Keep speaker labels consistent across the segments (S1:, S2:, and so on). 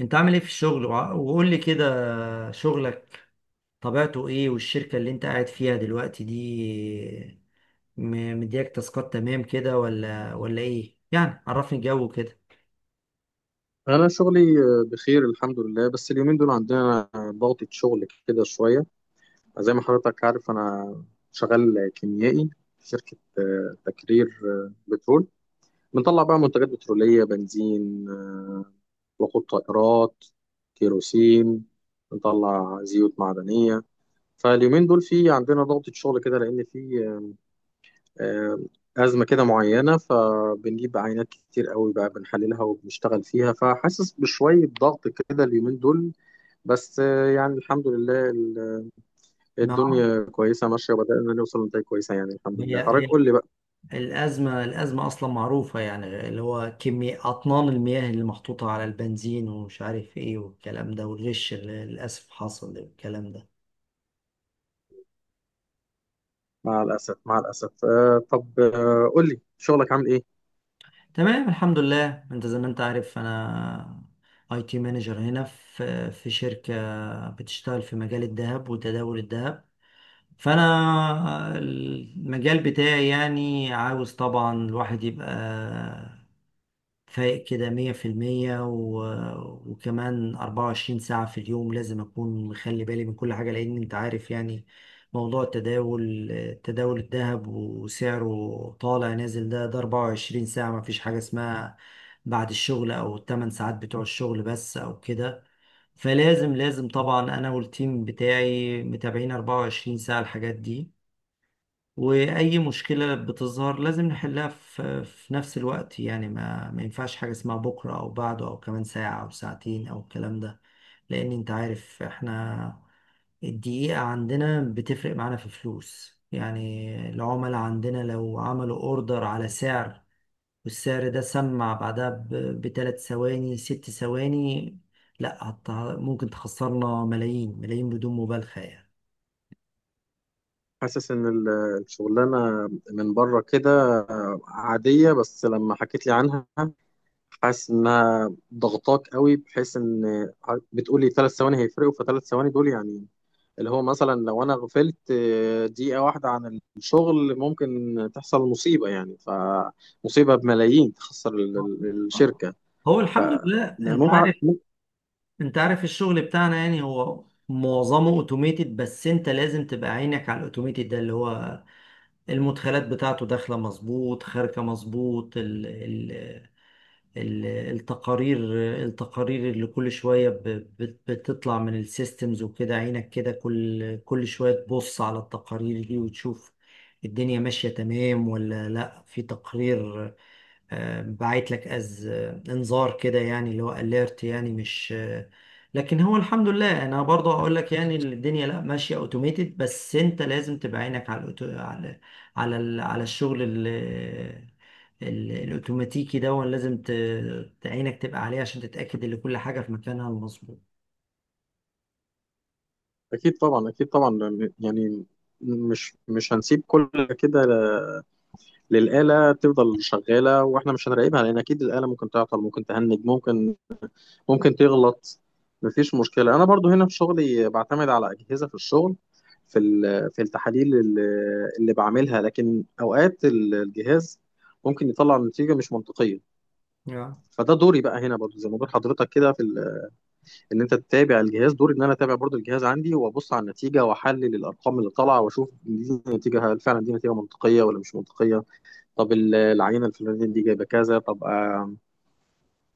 S1: انت عامل ايه في الشغل وقول لي كده شغلك طبيعته ايه؟ والشركة اللي انت قاعد فيها دلوقتي دي مدياك تاسكات تمام كده ولا ايه يعني؟ عرفني الجو كده.
S2: أنا شغلي بخير الحمد لله، بس اليومين دول عندنا ضغطة شغل كده شوية، زي ما حضرتك عارف. أنا شغال كيميائي في شركة تكرير بترول. بنطلع بقى منتجات بترولية، بنزين، وقود طائرات، كيروسين، بنطلع زيوت معدنية. فاليومين دول في عندنا ضغطة شغل كده لأن في آه، أزمة كده معينة، فبنجيب عينات كتير قوي بقى بنحللها وبنشتغل فيها، فحاسس بشوية ضغط كده اليومين دول، بس يعني الحمد لله
S1: ما
S2: الدنيا كويسة ماشية، وبدأنا نوصل لنتائج كويسة يعني الحمد
S1: هي
S2: لله. حضرتك
S1: هي
S2: قول لي بقى.
S1: الأزمة أصلا معروفة، يعني اللي هو كمية أطنان المياه اللي محطوطة على البنزين ومش عارف ايه والكلام ده، والغش اللي للأسف حصل والكلام ده.
S2: مع الأسف مع الأسف، طب قول لي شغلك عامل إيه؟
S1: تمام، الحمد لله. انت زي ما انت عارف، انا اي تي مانجر هنا في شركة بتشتغل في مجال الذهب وتداول الذهب. فانا المجال بتاعي، يعني عاوز طبعا الواحد يبقى فايق كده مية في المية وكمان 24 ساعة في اليوم، لازم أكون مخلي بالي من كل حاجة لأن أنت عارف يعني. موضوع التداول، تداول الذهب وسعره طالع نازل، ده 24 ساعة. مفيش حاجة اسمها بعد الشغل أو التمن ساعات بتوع الشغل بس أو كده. فلازم طبعا أنا والتيم بتاعي متابعين 24 ساعة الحاجات دي، وأي مشكلة بتظهر لازم نحلها في نفس الوقت. يعني ما ينفعش حاجة اسمها بكرة أو بعده أو كمان ساعة أو ساعتين أو الكلام ده، لأن أنت عارف إحنا الدقيقة عندنا بتفرق معانا في فلوس. يعني العملاء عندنا لو عملوا أوردر على سعر والسعر ده سمع بعدها بثلاث ثواني 6 ثواني، لا هت- ممكن تخسرنا ملايين ملايين، بدون مبالغة يعني.
S2: حاسس إن الشغلانة من بره كده عادية، بس لما حكيت لي عنها حاسس انها ضغطاك قوي بحيث ان بتقولي ثلاث ثواني هيفرقوا، فثلاث ثواني دول يعني اللي هو مثلا لو انا غفلت دقيقة واحدة عن الشغل ممكن تحصل مصيبة يعني، فمصيبة بملايين تخسر الشركة.
S1: هو
S2: ف
S1: الحمد لله
S2: أنا
S1: انت
S2: ممكن
S1: عارف.
S2: ممكن-
S1: الشغل بتاعنا يعني هو معظمه اوتوميتد، بس انت لازم تبقى عينك على الاوتوميتد ده. اللي هو المدخلات بتاعته داخله مظبوط خارجه مظبوط، ال ال ال التقارير اللي كل شويه بتطلع من السيستمز وكده، عينك كده كل شويه تبص على التقارير دي وتشوف الدنيا ماشيه تمام ولا لا. في تقرير بعت لك از آه، انذار كده، يعني اللي هو اليرت يعني مش. لكن هو الحمد لله انا برضه اقول لك، يعني الدنيا لا ماشيه اوتوميتد، بس انت لازم تبقى عينك على الأوتو... على على ال... على الشغل الاوتوماتيكي ده. لازم عينك تبقى عليه عشان تتاكد ان كل حاجه في مكانها المظبوط.
S2: اكيد طبعا اكيد طبعا. يعني مش هنسيب كل كده للآلة تفضل شغالة واحنا مش هنراقبها، لان اكيد الآلة ممكن تعطل ممكن تهنج ممكن تغلط. مفيش مشكلة، أنا برضو هنا في شغلي بعتمد على أجهزة في الشغل، في التحاليل اللي بعملها، لكن أوقات الجهاز ممكن يطلع نتيجة مش منطقية.
S1: yeah.
S2: فده دوري بقى هنا برضو زي ما بقول حضرتك كده، ان انت تتابع الجهاز دوري، ان انا اتابع برضو الجهاز عندي وابص على النتيجه واحلل الارقام اللي طالعه واشوف دي نتيجه، هل فعلا دي نتيجه منطقيه ولا مش منطقيه؟ طب العينه الفلانيه دي جايبه كذا، طب آه،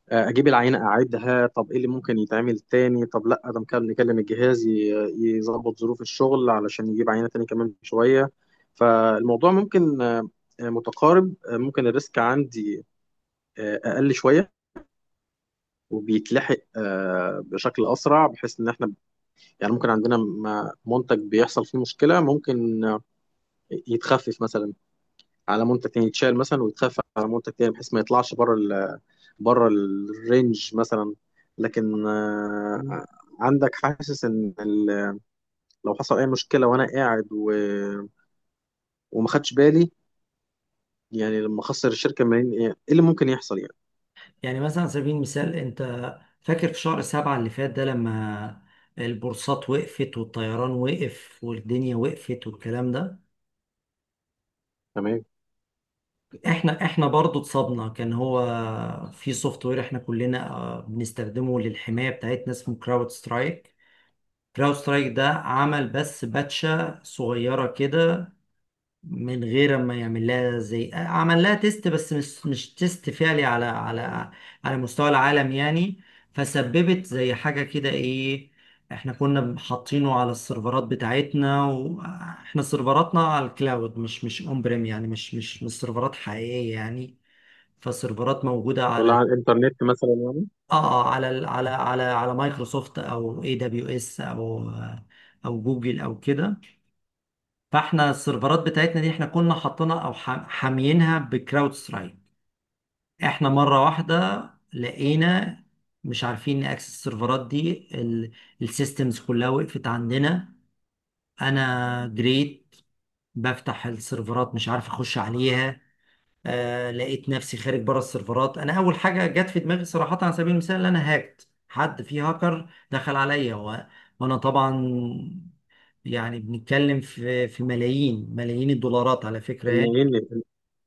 S2: آه، اجيب العينه اعيدها. طب ايه اللي ممكن يتعمل تاني؟ طب لا، ده ممكن نكلم الجهاز يظبط ظروف الشغل علشان يجيب عينه تاني كمان شويه. فالموضوع ممكن متقارب، ممكن الريسك عندي اقل شويه، وبيتلحق بشكل اسرع، بحيث ان احنا يعني ممكن عندنا منتج بيحصل فيه مشكله ممكن يتخفف مثلا على منتج تاني، يتشال مثلا ويتخفى على منتج تاني بحيث ما يطلعش بره بره الرينج مثلا. لكن عندك حاسس ان لو حصل اي مشكله وانا قاعد وما خدش بالي، يعني لما اخسر الشركه ملايين، إيه اللي ممكن يحصل يعني؟
S1: يعني مثلا على سبيل المثال، انت فاكر في شهر سبعة اللي فات ده لما البورصات وقفت والطيران وقف والدنيا وقفت والكلام ده؟
S2: تمام.
S1: احنا برضو اتصابنا. كان هو في سوفت وير احنا كلنا بنستخدمه للحماية بتاعتنا، اسمه كراود سترايك. كراود سترايك ده عمل بس باتشة صغيرة كده من غير ما يعمل لها زي عمل لها تيست، بس مش تيست فعلي على على مستوى العالم يعني. فسببت زي حاجة كده ايه، احنا كنا حاطينه على السيرفرات بتاعتنا، واحنا سيرفراتنا على الكلاود مش اون بريم، يعني مش سيرفرات حقيقية يعني. فالسيرفرات موجودة
S2: ولا
S1: على
S2: على الانترنت مثلا يعني؟
S1: على مايكروسوفت او اي دبليو اس او او جوجل او كده. فاحنا السيرفرات بتاعتنا دي احنا كنا حاطينها او حاميينها بكراود سترايك. احنا مره واحده لقينا مش عارفين نأكسس السيرفرات دي. السيستمز كلها وقفت عندنا. انا جريت بفتح السيرفرات مش عارف اخش عليها. آه لقيت نفسي خارج بره السيرفرات. انا اول حاجه جت في دماغي صراحه على سبيل المثال، ان انا هاكت. حد في هاكر دخل عليا و... وانا طبعا يعني بنتكلم في ملايين ملايين الدولارات على فكره
S2: ان
S1: يعني.
S2: ان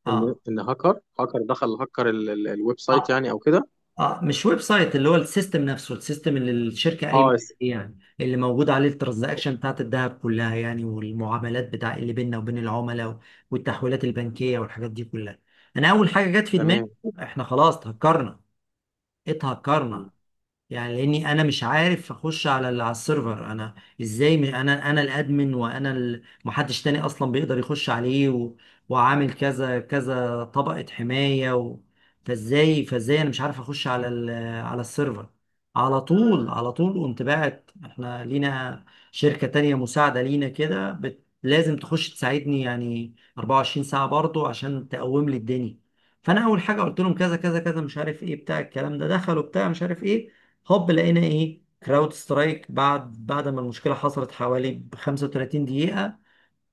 S1: اه
S2: ان هاكر دخل، هاكر الويب سايت
S1: اه
S2: يعني او كده.
S1: اه مش ويب سايت، اللي هو السيستم نفسه. السيستم اللي الشركه
S2: اه
S1: قايمه عليه يعني، اللي موجود عليه الترانزاكشن بتاعت الذهب كلها يعني، والمعاملات بتاع اللي بيننا وبين العملاء والتحويلات البنكيه والحاجات دي كلها. انا اول حاجه جت في دماغي
S2: تمام.
S1: احنا خلاص هكرنا،
S2: مم.
S1: اتهكرنا، يعني لاني انا مش عارف اخش على على السيرفر. ازاي انا الادمن وانا محدش تاني اصلا بيقدر يخش عليه و... وعامل كذا كذا طبقة حماية و... فازاي انا مش عارف اخش على على السيرفر؟ على طول قمت باعت. احنا لينا شركة تانية مساعدة لينا كده لازم تخش تساعدني يعني 24 ساعة برضو عشان تقوم لي الدنيا. فانا اول حاجة قلت لهم كذا كذا كذا مش عارف ايه بتاع الكلام ده، دخلوا بتاع مش عارف ايه، هوب لقينا ايه؟ كراود سترايك بعد ما المشكله حصلت حوالي ب 35 دقيقه،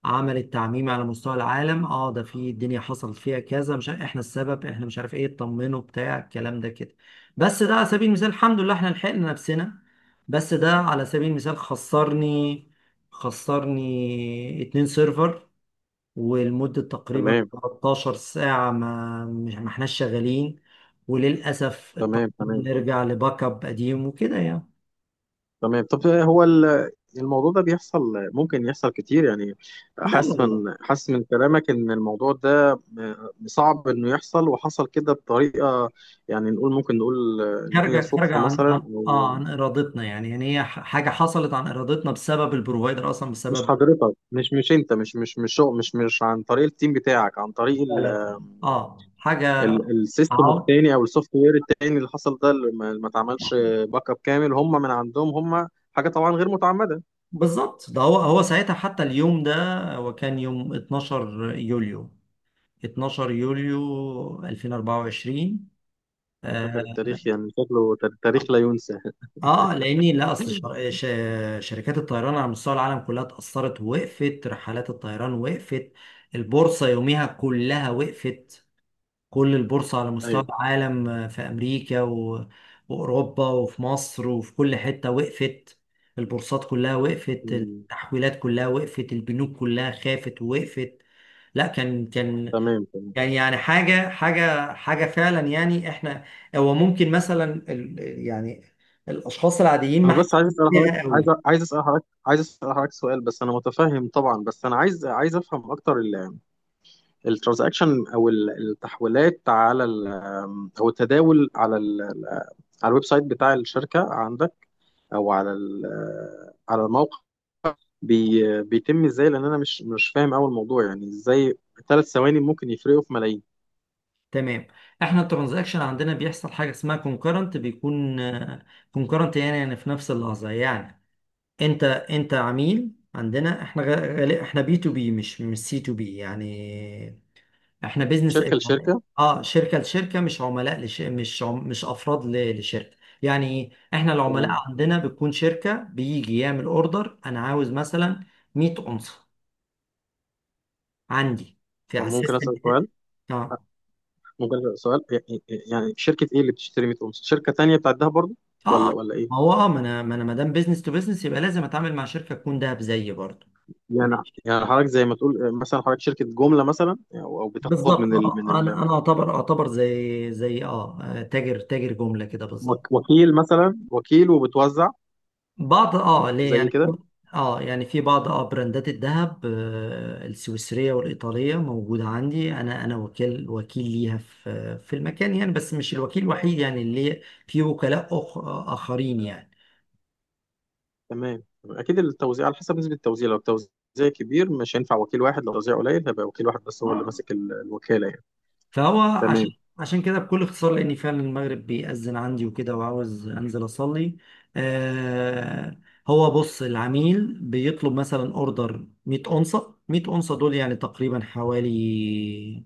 S1: عملت تعميم على مستوى العالم. اه ده في الدنيا حصلت فيها كذا، مش احنا السبب، احنا مش عارف ايه، اطمنوا بتاع الكلام ده كده. بس ده على سبيل المثال، الحمد لله احنا لحقنا نفسنا. بس ده على سبيل المثال خسرني 2 سيرفر ولمدة تقريبا
S2: تمام
S1: 13 ساعة ما احناش شغالين، وللأسف
S2: تمام. تمام
S1: اضطرينا نرجع لباك اب قديم وكده يعني.
S2: تمام، طب هو الموضوع ده بيحصل ممكن يحصل كتير يعني؟
S1: لا لا لا،
S2: حاسس من كلامك ان الموضوع ده صعب انه يحصل، وحصل كده بطريقه يعني، نقول ممكن نقول ان هي
S1: خارجة
S2: صدفه
S1: عن
S2: مثلا او...
S1: عن إرادتنا يعني. يعني هي حاجة حصلت عن إرادتنا بسبب البروفايدر أصلا
S2: مش
S1: بسبب.
S2: حضرتك، مش انت، مش مش مش شغل- مش مش عن طريق التيم بتاعك، عن طريق
S1: لا لا لا، اه حاجة،
S2: السيستم
S1: عو-
S2: التاني او السوفت وير التاني اللي حصل ده اللي ما اتعملش باك اب كامل، هم من عندهم. هم حاجه طبعا غير متعمده.
S1: بالظبط ده هو. هو ساعتها حتى اليوم ده، هو كان يوم 12 يوليو، 12 يوليو 2024.
S2: أنا فاكر
S1: آه
S2: التاريخ، يعني شكله تاريخ لا ينسى.
S1: اه لاني لا شركات الطيران على مستوى العالم كلها اتاثرت، وقفت رحلات الطيران وقفت. البورصه يوميها كلها وقفت، كل البورصه على مستوى
S2: ايوه.
S1: العالم في امريكا و... واوروبا وفي مصر وفي كل حته وقفت. البورصات كلها وقفت،
S2: مم.
S1: التحويلات كلها وقفت، البنوك كلها خافت ووقفت. لا كان
S2: تمام تمام.
S1: يعني، حاجة فعلا يعني احنا. هو ممكن مثلا يعني الأشخاص العاديين ما
S2: انا بس عايز
S1: حاسين
S2: اسال حضرتك
S1: بيها قوي.
S2: سؤال. بس انا متفهم طبعا، بس انا عايز افهم اكتر. الترانزاكشن او التحويلات او التداول على الويب سايت بتاع الشركه عندك، او على الموقع، بي بيتم ازاي؟ لان انا مش فاهم اول الموضوع، يعني ازاي ثلاث ثواني ممكن يفرقوا في ملايين.
S1: تمام، احنا الترانزاكشن عندنا بيحصل حاجة اسمها كونكرنت. بيكون كونكرنت، يعني في نفس اللحظة يعني. انت عميل عندنا، احنا احنا بي تو بي، مش سي تو بي يعني، احنا بيزنس.
S2: شركه لشركه.
S1: اه شركه لشركه، مش عملاء لش... مش عم... مش افراد لشركه، يعني ايه؟ احنا العملاء
S2: تمام تمام.
S1: عندنا بتكون شركه بيجي يعمل اوردر. انا عاوز مثلا 100 اونصه عندي في
S2: طب
S1: على
S2: ممكن
S1: السيستم
S2: اسال سؤال؟
S1: بتاعي. اه
S2: مجرد سؤال يعني شركة ايه اللي بتشتري ميكروباص؟ شركة تانية بتعدها برضو
S1: اه
S2: ولا ايه؟
S1: ما هو اه ما انا ما دام بيزنس تو بيزنس يبقى لازم اتعامل مع شركه تكون دهب زيي برضه.
S2: يعني
S1: مش-
S2: يعني حضرتك زي ما تقول مثلا، حضرتك شركة جملة مثلا، أو بتاخد
S1: بالظبط
S2: من
S1: انا انا اعتبر زي تاجر جمله كده بالظبط.
S2: وكيل مثلا، وكيل وبتوزع
S1: بعض اه ليه
S2: زي
S1: يعني؟
S2: كده.
S1: اه يعني في بعض اه براندات الذهب السويسريه والايطاليه موجوده عندي. انا وكيل ليها في المكان يعني، بس مش الوكيل الوحيد يعني، اللي في وكلاء اخرين يعني.
S2: تمام اكيد، التوزيع على حسب نسبة التوزيع، لو التوزيع كبير مش هينفع وكيل واحد، لو التوزيع قليل هيبقى وكيل واحد بس هو اللي
S1: آه.
S2: ماسك الوكالة يعني.
S1: فهو عشان
S2: تمام.
S1: كده بكل اختصار، لاني فعلا المغرب بيأذن عندي وكده وعاوز انزل اصلي. آه هو بص. العميل بيطلب مثلا اوردر 100 اونصه. 100 اونصه دول يعني تقريبا حوالي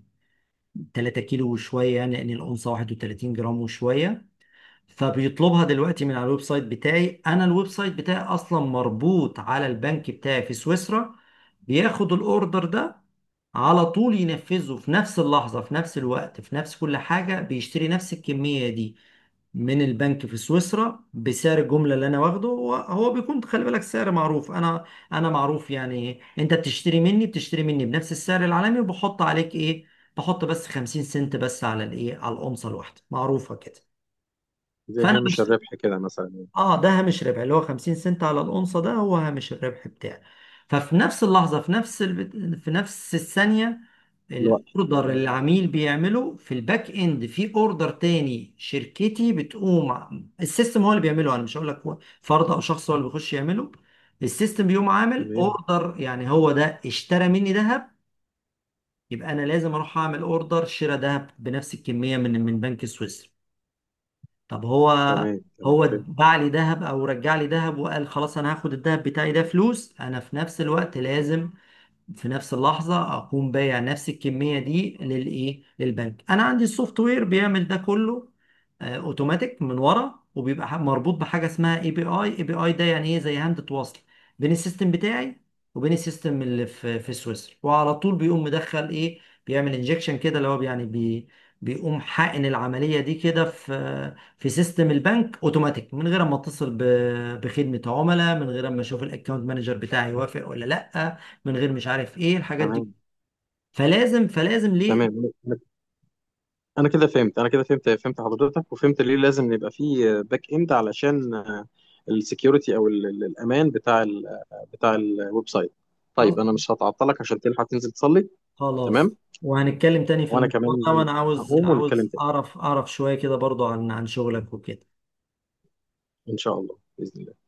S1: 3 كيلو وشوية، يعني لأن الأنثى 31 جرام وشوية. فبيطلبها دلوقتي من على الويب سايت بتاعي. أنا الويب سايت بتاعي أصلا مربوط على البنك بتاعي في سويسرا. بياخد الأوردر ده على طول ينفذه في نفس اللحظة، في نفس الوقت، في نفس كل حاجة. بيشتري نفس الكمية دي من البنك في سويسرا بسعر الجمله اللي انا واخده هو. هو بيكون خلي بالك سعر معروف. انا معروف يعني، انت بتشتري مني بنفس السعر العالمي، وبحط عليك ايه؟ بحط بس 50 سنت بس على الايه، على الأونصة الواحده، معروفه كده.
S2: زي
S1: فانا
S2: هامش الربح كده مثلا يعني.
S1: اه ده هامش ربح، اللي هو 50 سنت على الأونصة، ده هو هامش الربح بتاعي. ففي نفس اللحظة، في نفس الثانية،
S2: الوقت.
S1: الاوردر اللي
S2: م.
S1: العميل بيعمله في الباك اند في اوردر تاني شركتي بتقوم السيستم هو اللي بيعمله. انا مش هقول لك هو فرد او شخص هو اللي بيخش يعمله، السيستم بيقوم عامل
S2: تمام
S1: اوردر. يعني هو ده اشترى مني ذهب، يبقى انا لازم اروح اعمل اوردر شراء ذهب بنفس الكمية من بنك سويسرا. طب هو،
S2: تمام. تمام.
S1: هو باع لي ذهب او رجع لي ذهب وقال خلاص انا هاخد الذهب بتاعي ده فلوس، انا في نفس الوقت لازم في نفس اللحظة أقوم بايع نفس الكمية دي للإيه؟ للبنك. أنا عندي السوفت وير بيعمل ده كله أوتوماتيك من ورا، وبيبقى مربوط بحاجة اسمها اي بي اي. اي بي اي ده يعني إيه؟ زي هاندة وصل بين السيستم بتاعي وبين السيستم اللي في سويسرا. وعلى طول بيقوم مدخل إيه؟ بيعمل انجكشن كده، اللي هو يعني بيقوم حقن العملية دي كده في سيستم البنك اوتوماتيك، من غير ما اتصل بخدمة عملاء، من غير ما اشوف الاكونت مانجر بتاعي يوافق ولا لا، من غير مش عارف ايه الحاجات دي.
S2: تمام
S1: فلازم
S2: تمام.
S1: ليه.
S2: تمام انا كده فهمت حضرتك، وفهمت ليه لازم يبقى فيه باك اند علشان السكيورتي او الامان بتاع الويب سايت. طيب انا مش هتعطلك عشان تلحق تنزل تصلي. تمام.
S1: خلاص، وهنتكلم تاني في
S2: وانا
S1: الموضوع ده.
S2: كمان
S1: وانا عاوز
S2: هقوم ونتكلم تاني
S1: اعرف شوية كده برضو عن شغلك وكده.
S2: ان شاء الله باذن الله.